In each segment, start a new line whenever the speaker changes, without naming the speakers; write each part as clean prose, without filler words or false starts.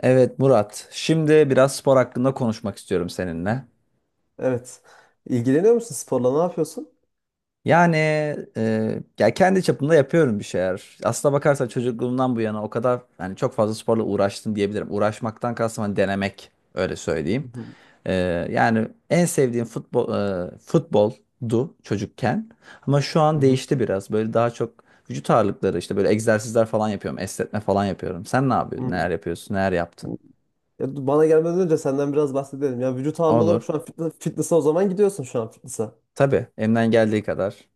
Evet Murat, şimdi biraz spor hakkında konuşmak istiyorum seninle.
Evet. İlgileniyor musun sporla? Ne yapıyorsun?
Yani ya kendi çapımda yapıyorum bir şeyler. Aslına bakarsan çocukluğumdan bu yana o kadar yani çok fazla sporla uğraştım diyebilirim. Uğraşmaktan kastım hani denemek öyle
Hı
söyleyeyim.
hı.
E, yani en sevdiğim futboldu çocukken. Ama şu
Hı
an
hı.
değişti biraz. Böyle daha çok vücut ağırlıkları işte böyle egzersizler falan yapıyorum, esnetme falan yapıyorum. Sen ne yapıyorsun?
Hı.
Neler yapıyorsun? Neler yaptın?
Ya, bana gelmeden önce senden biraz bahsedelim. Ya vücut ağırlığı olarak
Olur.
şu an fitness'a o zaman gidiyorsun şu an fitness'a.
Tabii elimden geldiği kadar.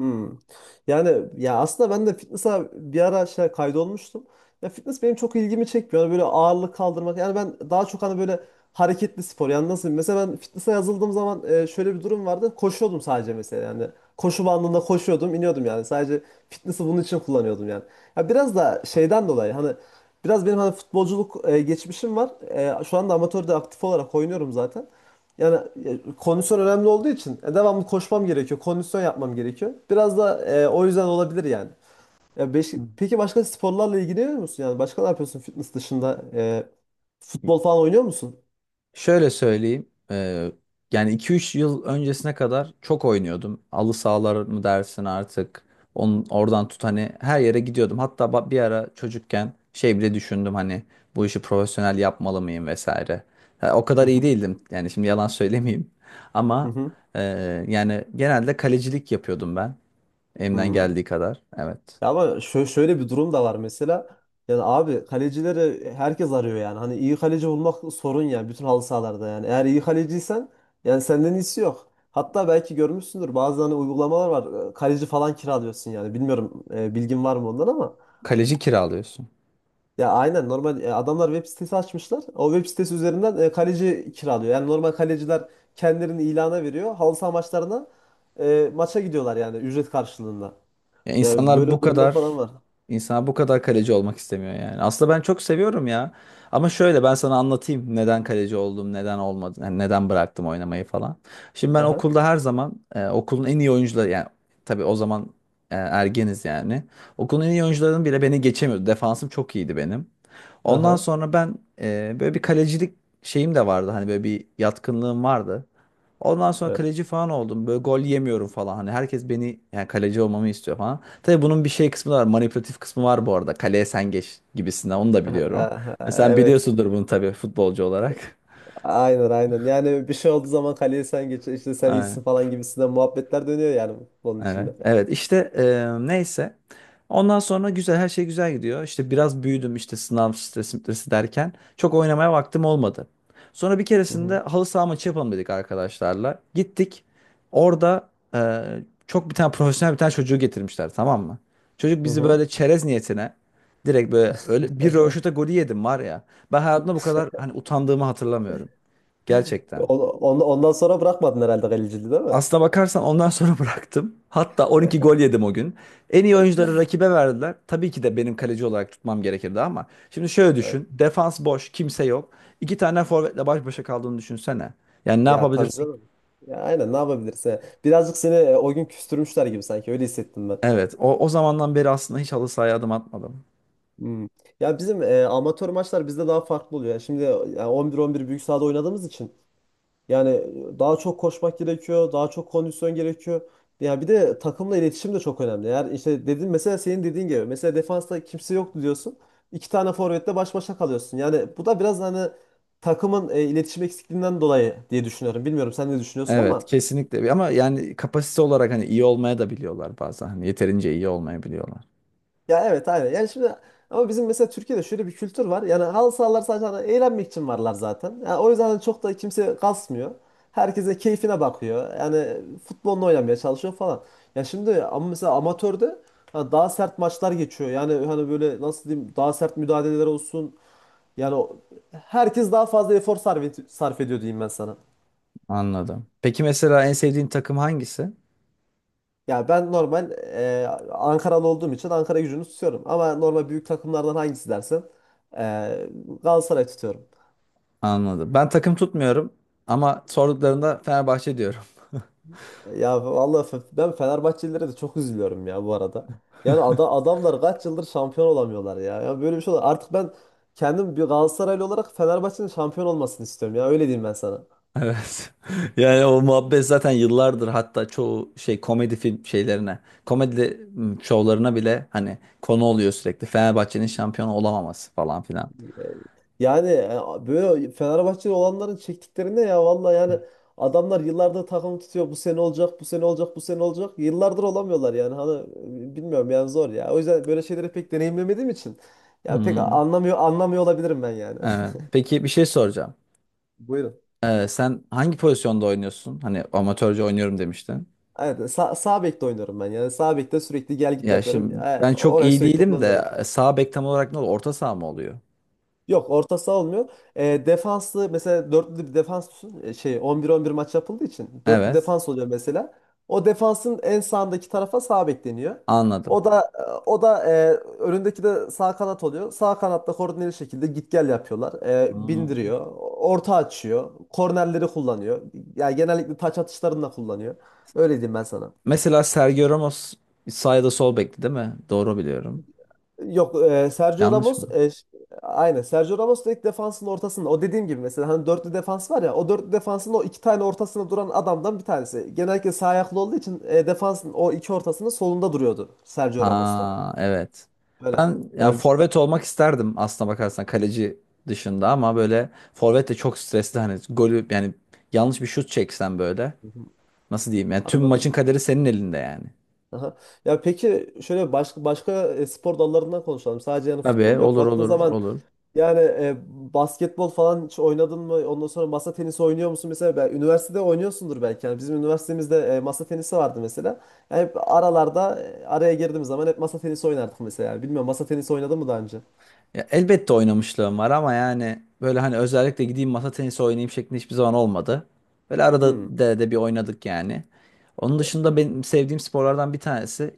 Hmm. Yani ya aslında ben de fitness'a bir ara şey kaydolmuştum. Ya fitness benim çok ilgimi çekmiyor. Yani böyle ağırlık kaldırmak. Yani ben daha çok hani böyle hareketli spor. Yani nasıl mesela ben fitness'a yazıldığım zaman şöyle bir durum vardı. Koşuyordum sadece mesela yani. Koşu bandında koşuyordum, iniyordum yani. Sadece fitness'ı bunun için kullanıyordum yani. Ya biraz da şeyden dolayı hani biraz benim hani futbolculuk geçmişim var. Şu anda amatörde aktif olarak oynuyorum zaten. Yani kondisyon önemli olduğu için devamlı koşmam gerekiyor. Kondisyon yapmam gerekiyor. Biraz da o yüzden olabilir yani.
Hı.
Peki başka sporlarla ilgileniyor musun? Yani başka ne yapıyorsun fitness dışında? Futbol falan oynuyor musun?
Şöyle söyleyeyim. Yani iki üç yıl öncesine kadar çok oynuyordum. Halı sahalar mı dersin artık. Oradan tut hani her yere gidiyordum. Hatta bir ara çocukken şey bile düşündüm hani bu işi profesyonel yapmalı mıyım vesaire. Ha, o
Hı
kadar iyi
hı.
değildim. Yani şimdi yalan söylemeyeyim.
Hı
Ama
hı.
yani genelde kalecilik yapıyordum ben. Elimden
Hı.
geldiği kadar. Evet.
Şöyle bir durum da var mesela. Yani abi kalecileri herkes arıyor yani. Hani iyi kaleci bulmak sorun ya bütün halı sahalarda yani. Eğer iyi kaleciysen yani senden iyisi yok. Hatta belki görmüşsündür bazı hani uygulamalar var. Kaleci falan kiralıyorsun yani. Bilmiyorum bilgin var mı ondan ama.
Kaleci kiralıyorsun.
Ya aynen normal adamlar web sitesi açmışlar. O web sitesi üzerinden kaleci kiralıyor. Yani normal kaleciler kendilerini ilana veriyor. Halı saha maçlarına maça gidiyorlar yani ücret karşılığında.
Ya
Ya
insanlar
böyle
bu
durumlar
kadar
falan var.
insan bu kadar kaleci olmak istemiyor yani. Aslında ben çok seviyorum ya. Ama şöyle ben sana anlatayım neden kaleci oldum, neden olmadı, yani neden bıraktım oynamayı falan. Şimdi ben
Aha.
okulda her zaman okulun en iyi oyuncuları yani tabii o zaman ergeniz yani. Okulun en iyi oyuncularının bile beni geçemiyordu. Defansım çok iyiydi benim. Ondan
Aha.
sonra ben böyle bir kalecilik şeyim de vardı. Hani böyle bir yatkınlığım vardı. Ondan sonra
Evet.
kaleci falan oldum. Böyle gol yemiyorum falan. Hani herkes beni yani kaleci olmamı istiyor falan. Tabii bunun bir şey kısmı da var. Manipülatif kısmı var bu arada. Kaleye sen geç gibisinden onu da biliyorum.
Aha,
E sen
evet.
biliyorsundur bunu tabii futbolcu olarak.
Aynen aynen. Yani bir şey olduğu zaman kaleye sen geç. İşte sen iyisin
Aynen.
falan gibisinden muhabbetler dönüyor yani bunun
Evet,
içinde.
evet işte neyse. Ondan sonra güzel her şey güzel gidiyor. İşte biraz büyüdüm işte sınav stresi derken çok oynamaya vaktim olmadı. Sonra bir
Hı
keresinde
hı.
halı saha maçı yapalım dedik arkadaşlarla. Gittik. Orada e, çok bir tane profesyonel bir tane çocuğu getirmişler, tamam mı? Çocuk
Hı
bizi
hı.
böyle çerez niyetine direkt böyle öyle bir rövaşata golü yedim var ya. Ben hayatımda bu kadar hani utandığımı hatırlamıyorum. Gerçekten.
Ondan sonra bırakmadın herhalde kaleciliği değil mi?
Aslına bakarsan ondan sonra bıraktım. Hatta 12 gol yedim o gün. En iyi oyuncuları rakibe verdiler. Tabii ki de benim kaleci olarak tutmam gerekirdi ama. Şimdi şöyle
Evet.
düşün. Defans boş, kimse yok. İki tane forvetle baş başa kaldığını düşünsene. Yani ne
Ya tabii
yapabilirsin?
canım. Ya aynen ne yapabilirsin? Birazcık seni o gün küstürmüşler gibi sanki öyle hissettim ben.
Evet. O zamandan beri aslında hiç halı sahaya adım atmadım.
Hmm. Ya bizim amatör maçlar bizde daha farklı oluyor. Yani şimdi 11-11 büyük sahada oynadığımız için yani daha çok koşmak gerekiyor, daha çok kondisyon gerekiyor. Ya bir de takımla iletişim de çok önemli. Eğer işte dedin mesela senin dediğin gibi mesela defansta kimse yoktu diyorsun. İki tane forvetle baş başa kalıyorsun. Yani bu da biraz hani takımın iletişim eksikliğinden dolayı diye düşünüyorum. Bilmiyorum sen ne düşünüyorsun
Evet,
ama
kesinlikle. Ama yani kapasite olarak hani iyi olmaya da biliyorlar bazen. Hani yeterince iyi olmayabiliyorlar.
ya evet aynen. Yani şimdi ama bizim mesela Türkiye'de şöyle bir kültür var. Yani halı sahalar sadece hani eğlenmek için varlar zaten. Yani o yüzden hani çok da kimse kasmıyor. Herkese keyfine bakıyor. Yani futbolunu oynamaya çalışıyor falan. Ya şimdi ama mesela amatörde hani daha sert maçlar geçiyor. Yani hani böyle nasıl diyeyim daha sert müdahaleler olsun. Yani o- Herkes daha fazla efor sarf ediyor diyeyim ben sana.
Anladım. Peki mesela en sevdiğin takım hangisi?
Ya ben normal Ankaralı olduğum için Ankara gücünü tutuyorum. Ama normal büyük takımlardan hangisi dersen e, Galatasaray tutuyorum.
Anladım. Ben takım tutmuyorum ama sorduklarında Fenerbahçe diyorum.
Ben Fenerbahçelilere de çok üzülüyorum ya bu arada. Yani adamlar kaç yıldır şampiyon olamıyorlar ya. Ya böyle bir şey olur. Artık ben kendim bir Galatasaraylı olarak Fenerbahçe'nin şampiyon olmasını istiyorum ya. Öyle diyeyim ben sana.
Evet. Yani o muhabbet zaten yıllardır hatta çoğu şey komedi film şeylerine, şovlarına bile hani konu oluyor sürekli. Fenerbahçe'nin şampiyon olamaması falan filan.
Yani böyle Fenerbahçeli olanların çektiklerinde ya vallahi yani adamlar yıllardır takım tutuyor. Bu sene olacak, bu sene olacak, bu sene olacak. Yıllardır olamıyorlar yani. Hani bilmiyorum yani zor ya. O yüzden böyle şeyleri pek deneyimlemediğim için ya pek
Hmm,
anlamıyor olabilirim ben yani.
evet. Peki bir şey soracağım.
Buyurun.
Sen hangi pozisyonda oynuyorsun? Hani amatörce oynuyorum demiştin.
Evet, sağ bekte oynuyorum ben. Yani sağ bekte sürekli gel git
Ya
yapıyorum.
şimdi
E,
ben çok
orayı
iyi
sürekli
değilim de
kullanırım.
sağ bek tam olarak ne oluyor? Orta saha mı oluyor?
Yok orta saha olmuyor. E, defanslı mesela dörtlü bir defans tutun. E, şey 11-11 maç yapıldığı için dörtlü
Evet.
defans oluyor mesela. O defansın en sağındaki tarafa sağ bek deniyor.
Anladım.
O da o da önündeki de sağ kanat oluyor. Sağ kanatta koordineli şekilde git gel yapıyorlar. E,
Hmm.
bindiriyor. Orta açıyor. Kornerleri kullanıyor. Yani genellikle taç atışlarını da kullanıyor. Öyle diyeyim ben sana.
Mesela Sergio Ramos sağ ya da sol bekti değil mi? Doğru biliyorum.
Yok Sergio
Yanlış
Ramos
mı?
aynen Sergio Ramos da ilk defansın ortasında o dediğim gibi mesela hani dörtlü defans var ya o dörtlü defansın o iki tane ortasında duran adamdan bir tanesi. Genellikle sağ ayaklı olduğu için defansın o iki ortasının solunda duruyordu Sergio Ramos da.
Ha evet.
Böyle.
Ben yani
Ya
forvet olmak isterdim aslına bakarsan kaleci dışında ama böyle forvet de çok stresli hani golü yani yanlış bir şut çeksen böyle
hı hı,
nasıl diyeyim yani tüm
anladım.
maçın kaderi senin elinde yani.
Aha. Ya peki şöyle başka başka spor dallarından konuşalım. Sadece yani
Tabii,
futbol yok.
olur
Baktığın
olur
zaman
olur.
yani basketbol falan hiç oynadın mı? Ondan sonra masa tenisi oynuyor musun? Mesela ben, üniversitede oynuyorsundur belki. Yani bizim üniversitemizde masa tenisi vardı mesela. Yani hep aralarda araya girdiğimiz zaman hep masa tenisi oynardık mesela. Yani bilmiyorum masa tenisi oynadın mı daha önce?
Ya elbette oynamışlığım var ama yani böyle hani özellikle gideyim masa tenisi oynayayım şeklinde hiçbir zaman olmadı. Böyle
Hmm.
arada de bir oynadık yani. Onun
Ya.
dışında benim sevdiğim sporlardan bir tanesi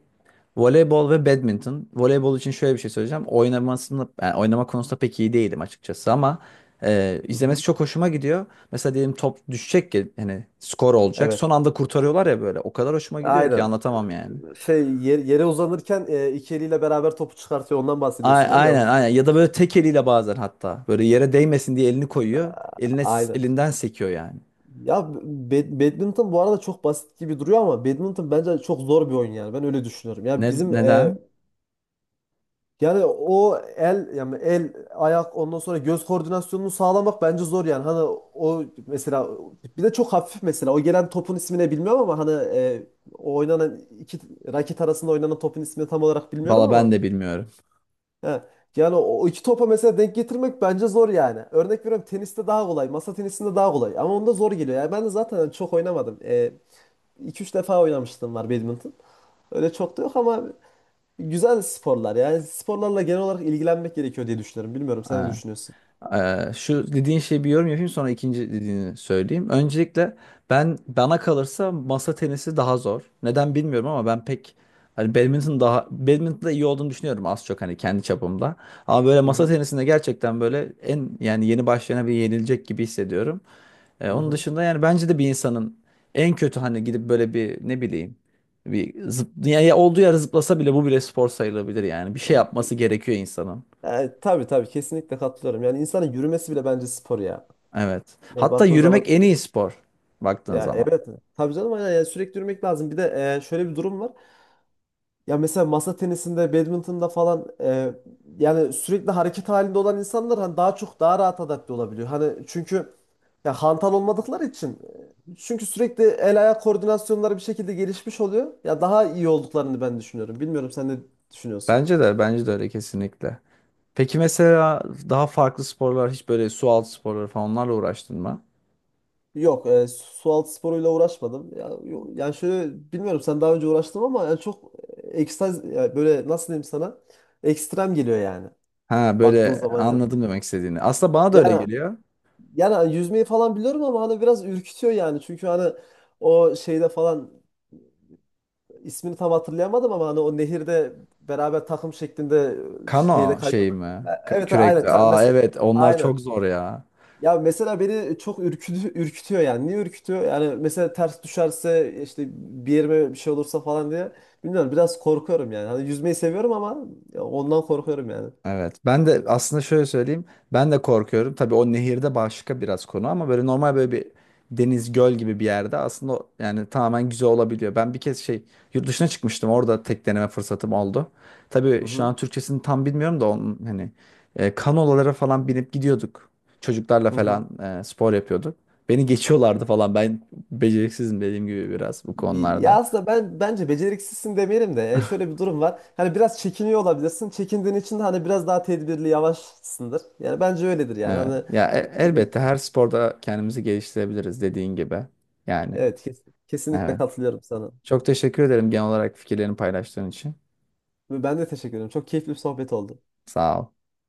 voleybol ve badminton. Voleybol için şöyle bir şey söyleyeceğim. Yani oynama konusunda pek iyi değilim açıkçası ama izlemesi
Hı-hı.
çok hoşuma gidiyor. Mesela diyelim top düşecek ki hani skor olacak.
Evet.
Son anda kurtarıyorlar ya böyle. O kadar hoşuma gidiyor ki
Aynen.
anlatamam yani.
Yere uzanırken iki eliyle beraber topu çıkartıyor. Ondan bahsediyorsun değil mi?
Aynen,
Yanlış
aynen, ya da böyle
bilmiyorsam.
tek eliyle bazen hatta böyle yere değmesin diye elini koyuyor.
Aynen.
Elinden sekiyor yani.
Ya Badminton bu arada çok basit gibi duruyor ama badminton bence çok zor bir oyun yani. Ben öyle düşünüyorum. Ya
Ne
bizim
neden?
yani o el yani el ayak ondan sonra göz koordinasyonunu sağlamak bence zor yani hani o mesela bir de çok hafif mesela o gelen topun ismini bilmiyorum ama hani o oynanan iki raket arasında oynanan topun ismini tam olarak bilmiyorum
Valla ben
ama
de bilmiyorum.
he. Yani o iki topa mesela denk getirmek bence zor yani. Örnek veriyorum teniste daha kolay, masa tenisinde daha kolay ama onda zor geliyor. Yani ben de zaten çok oynamadım. E, 2-3 defa oynamıştım var badminton. Öyle çok da yok ama güzel sporlar yani sporlarla genel olarak ilgilenmek gerekiyor diye düşünüyorum. Bilmiyorum sen ne
Ha.
düşünüyorsun?
Şu dediğin şey bir yorum yapayım sonra ikinci dediğini söyleyeyim. Öncelikle ben bana kalırsa masa tenisi daha zor. Neden bilmiyorum ama ben pek hani badminton'da iyi olduğunu düşünüyorum az çok hani kendi çapımda. Ama böyle
Hı
masa
hı.
tenisinde gerçekten böyle en yani yeni başlayana bir yenilecek gibi hissediyorum.
Hı
Onun
hı.
dışında yani bence de bir insanın en kötü hani gidip böyle bir ne bileyim ya olduğu yere zıplasa bile bu bile spor sayılabilir yani. Bir şey
E,
yapması gerekiyor insanın.
tabii tabii kesinlikle katılıyorum. Yani insanın yürümesi bile bence spor ya.
Evet.
Ya
Hatta
baktığın zaman
yürümek en iyi spor baktığın
ya
zaman.
evet tabii canım aynen yani sürekli yürümek lazım. Bir de şöyle bir durum var. Ya mesela masa tenisinde, badminton'da falan yani sürekli hareket halinde olan insanlar hani daha çok daha rahat adapte olabiliyor. Hani çünkü ya hantal olmadıkları için çünkü sürekli el ayak koordinasyonları bir şekilde gelişmiş oluyor. Ya daha iyi olduklarını ben düşünüyorum. Bilmiyorum sen ne düşünüyorsun?
Bence de öyle kesinlikle. Peki mesela daha farklı sporlar hiç böyle su altı sporları falan onlarla uğraştın mı?
Yok, su altı sporuyla uğraşmadım. Yani şöyle bilmiyorum sen daha önce uğraştın ama yani çok ekstaz ya böyle nasıl diyeyim sana? Ekstrem geliyor yani.
Ha
Baktığın
böyle
zaman yani.
anladım demek istediğini. Aslında bana da öyle
Yani
geliyor.
yani hani yüzmeyi falan biliyorum ama hani biraz ürkütüyor yani. Çünkü hani o şeyde falan ismini tam hatırlayamadım ama hani o nehirde beraber takım şeklinde şeyde
Kano şey
kayıyorlar.
mi?
Evet aynen
Kürekle. Aa
Mesela
evet, onlar
aynen.
çok zor ya.
Ya mesela beni çok ürkütüyor yani. Niye ürkütüyor? Yani mesela ters düşerse işte bir yerime bir şey olursa falan diye. Bilmiyorum biraz korkuyorum yani. Hani yüzmeyi seviyorum ama ya ondan korkuyorum yani.
Evet. Ben de aslında şöyle söyleyeyim. Ben de korkuyorum. Tabii o nehirde başka biraz konu ama böyle normal böyle bir deniz göl gibi bir yerde aslında yani tamamen güzel olabiliyor. Ben bir kez şey yurt dışına çıkmıştım. Orada tek deneme fırsatım oldu.
Hı
Tabii şu
hı.
an Türkçesini tam bilmiyorum da onun hani kanolalara falan binip gidiyorduk. Çocuklarla
Hı
falan
hı.
spor yapıyorduk. Beni geçiyorlardı falan. Ben beceriksizim dediğim gibi biraz bu
Ya
konularda.
aslında ben bence beceriksizsin demeyelim de şöyle bir durum var. Hani biraz çekiniyor olabilirsin. Çekindiğin için de hani biraz daha tedbirli, yavaşsındır. Yani bence öyledir yani.
Evet. Ya elbette her sporda kendimizi geliştirebiliriz dediğin gibi. Yani.
Kesinlikle
Evet.
katılıyorum sana.
Çok teşekkür ederim genel olarak fikirlerini paylaştığın için.
Ve ben de teşekkür ederim. Çok keyifli bir sohbet oldu.
Sağ ol.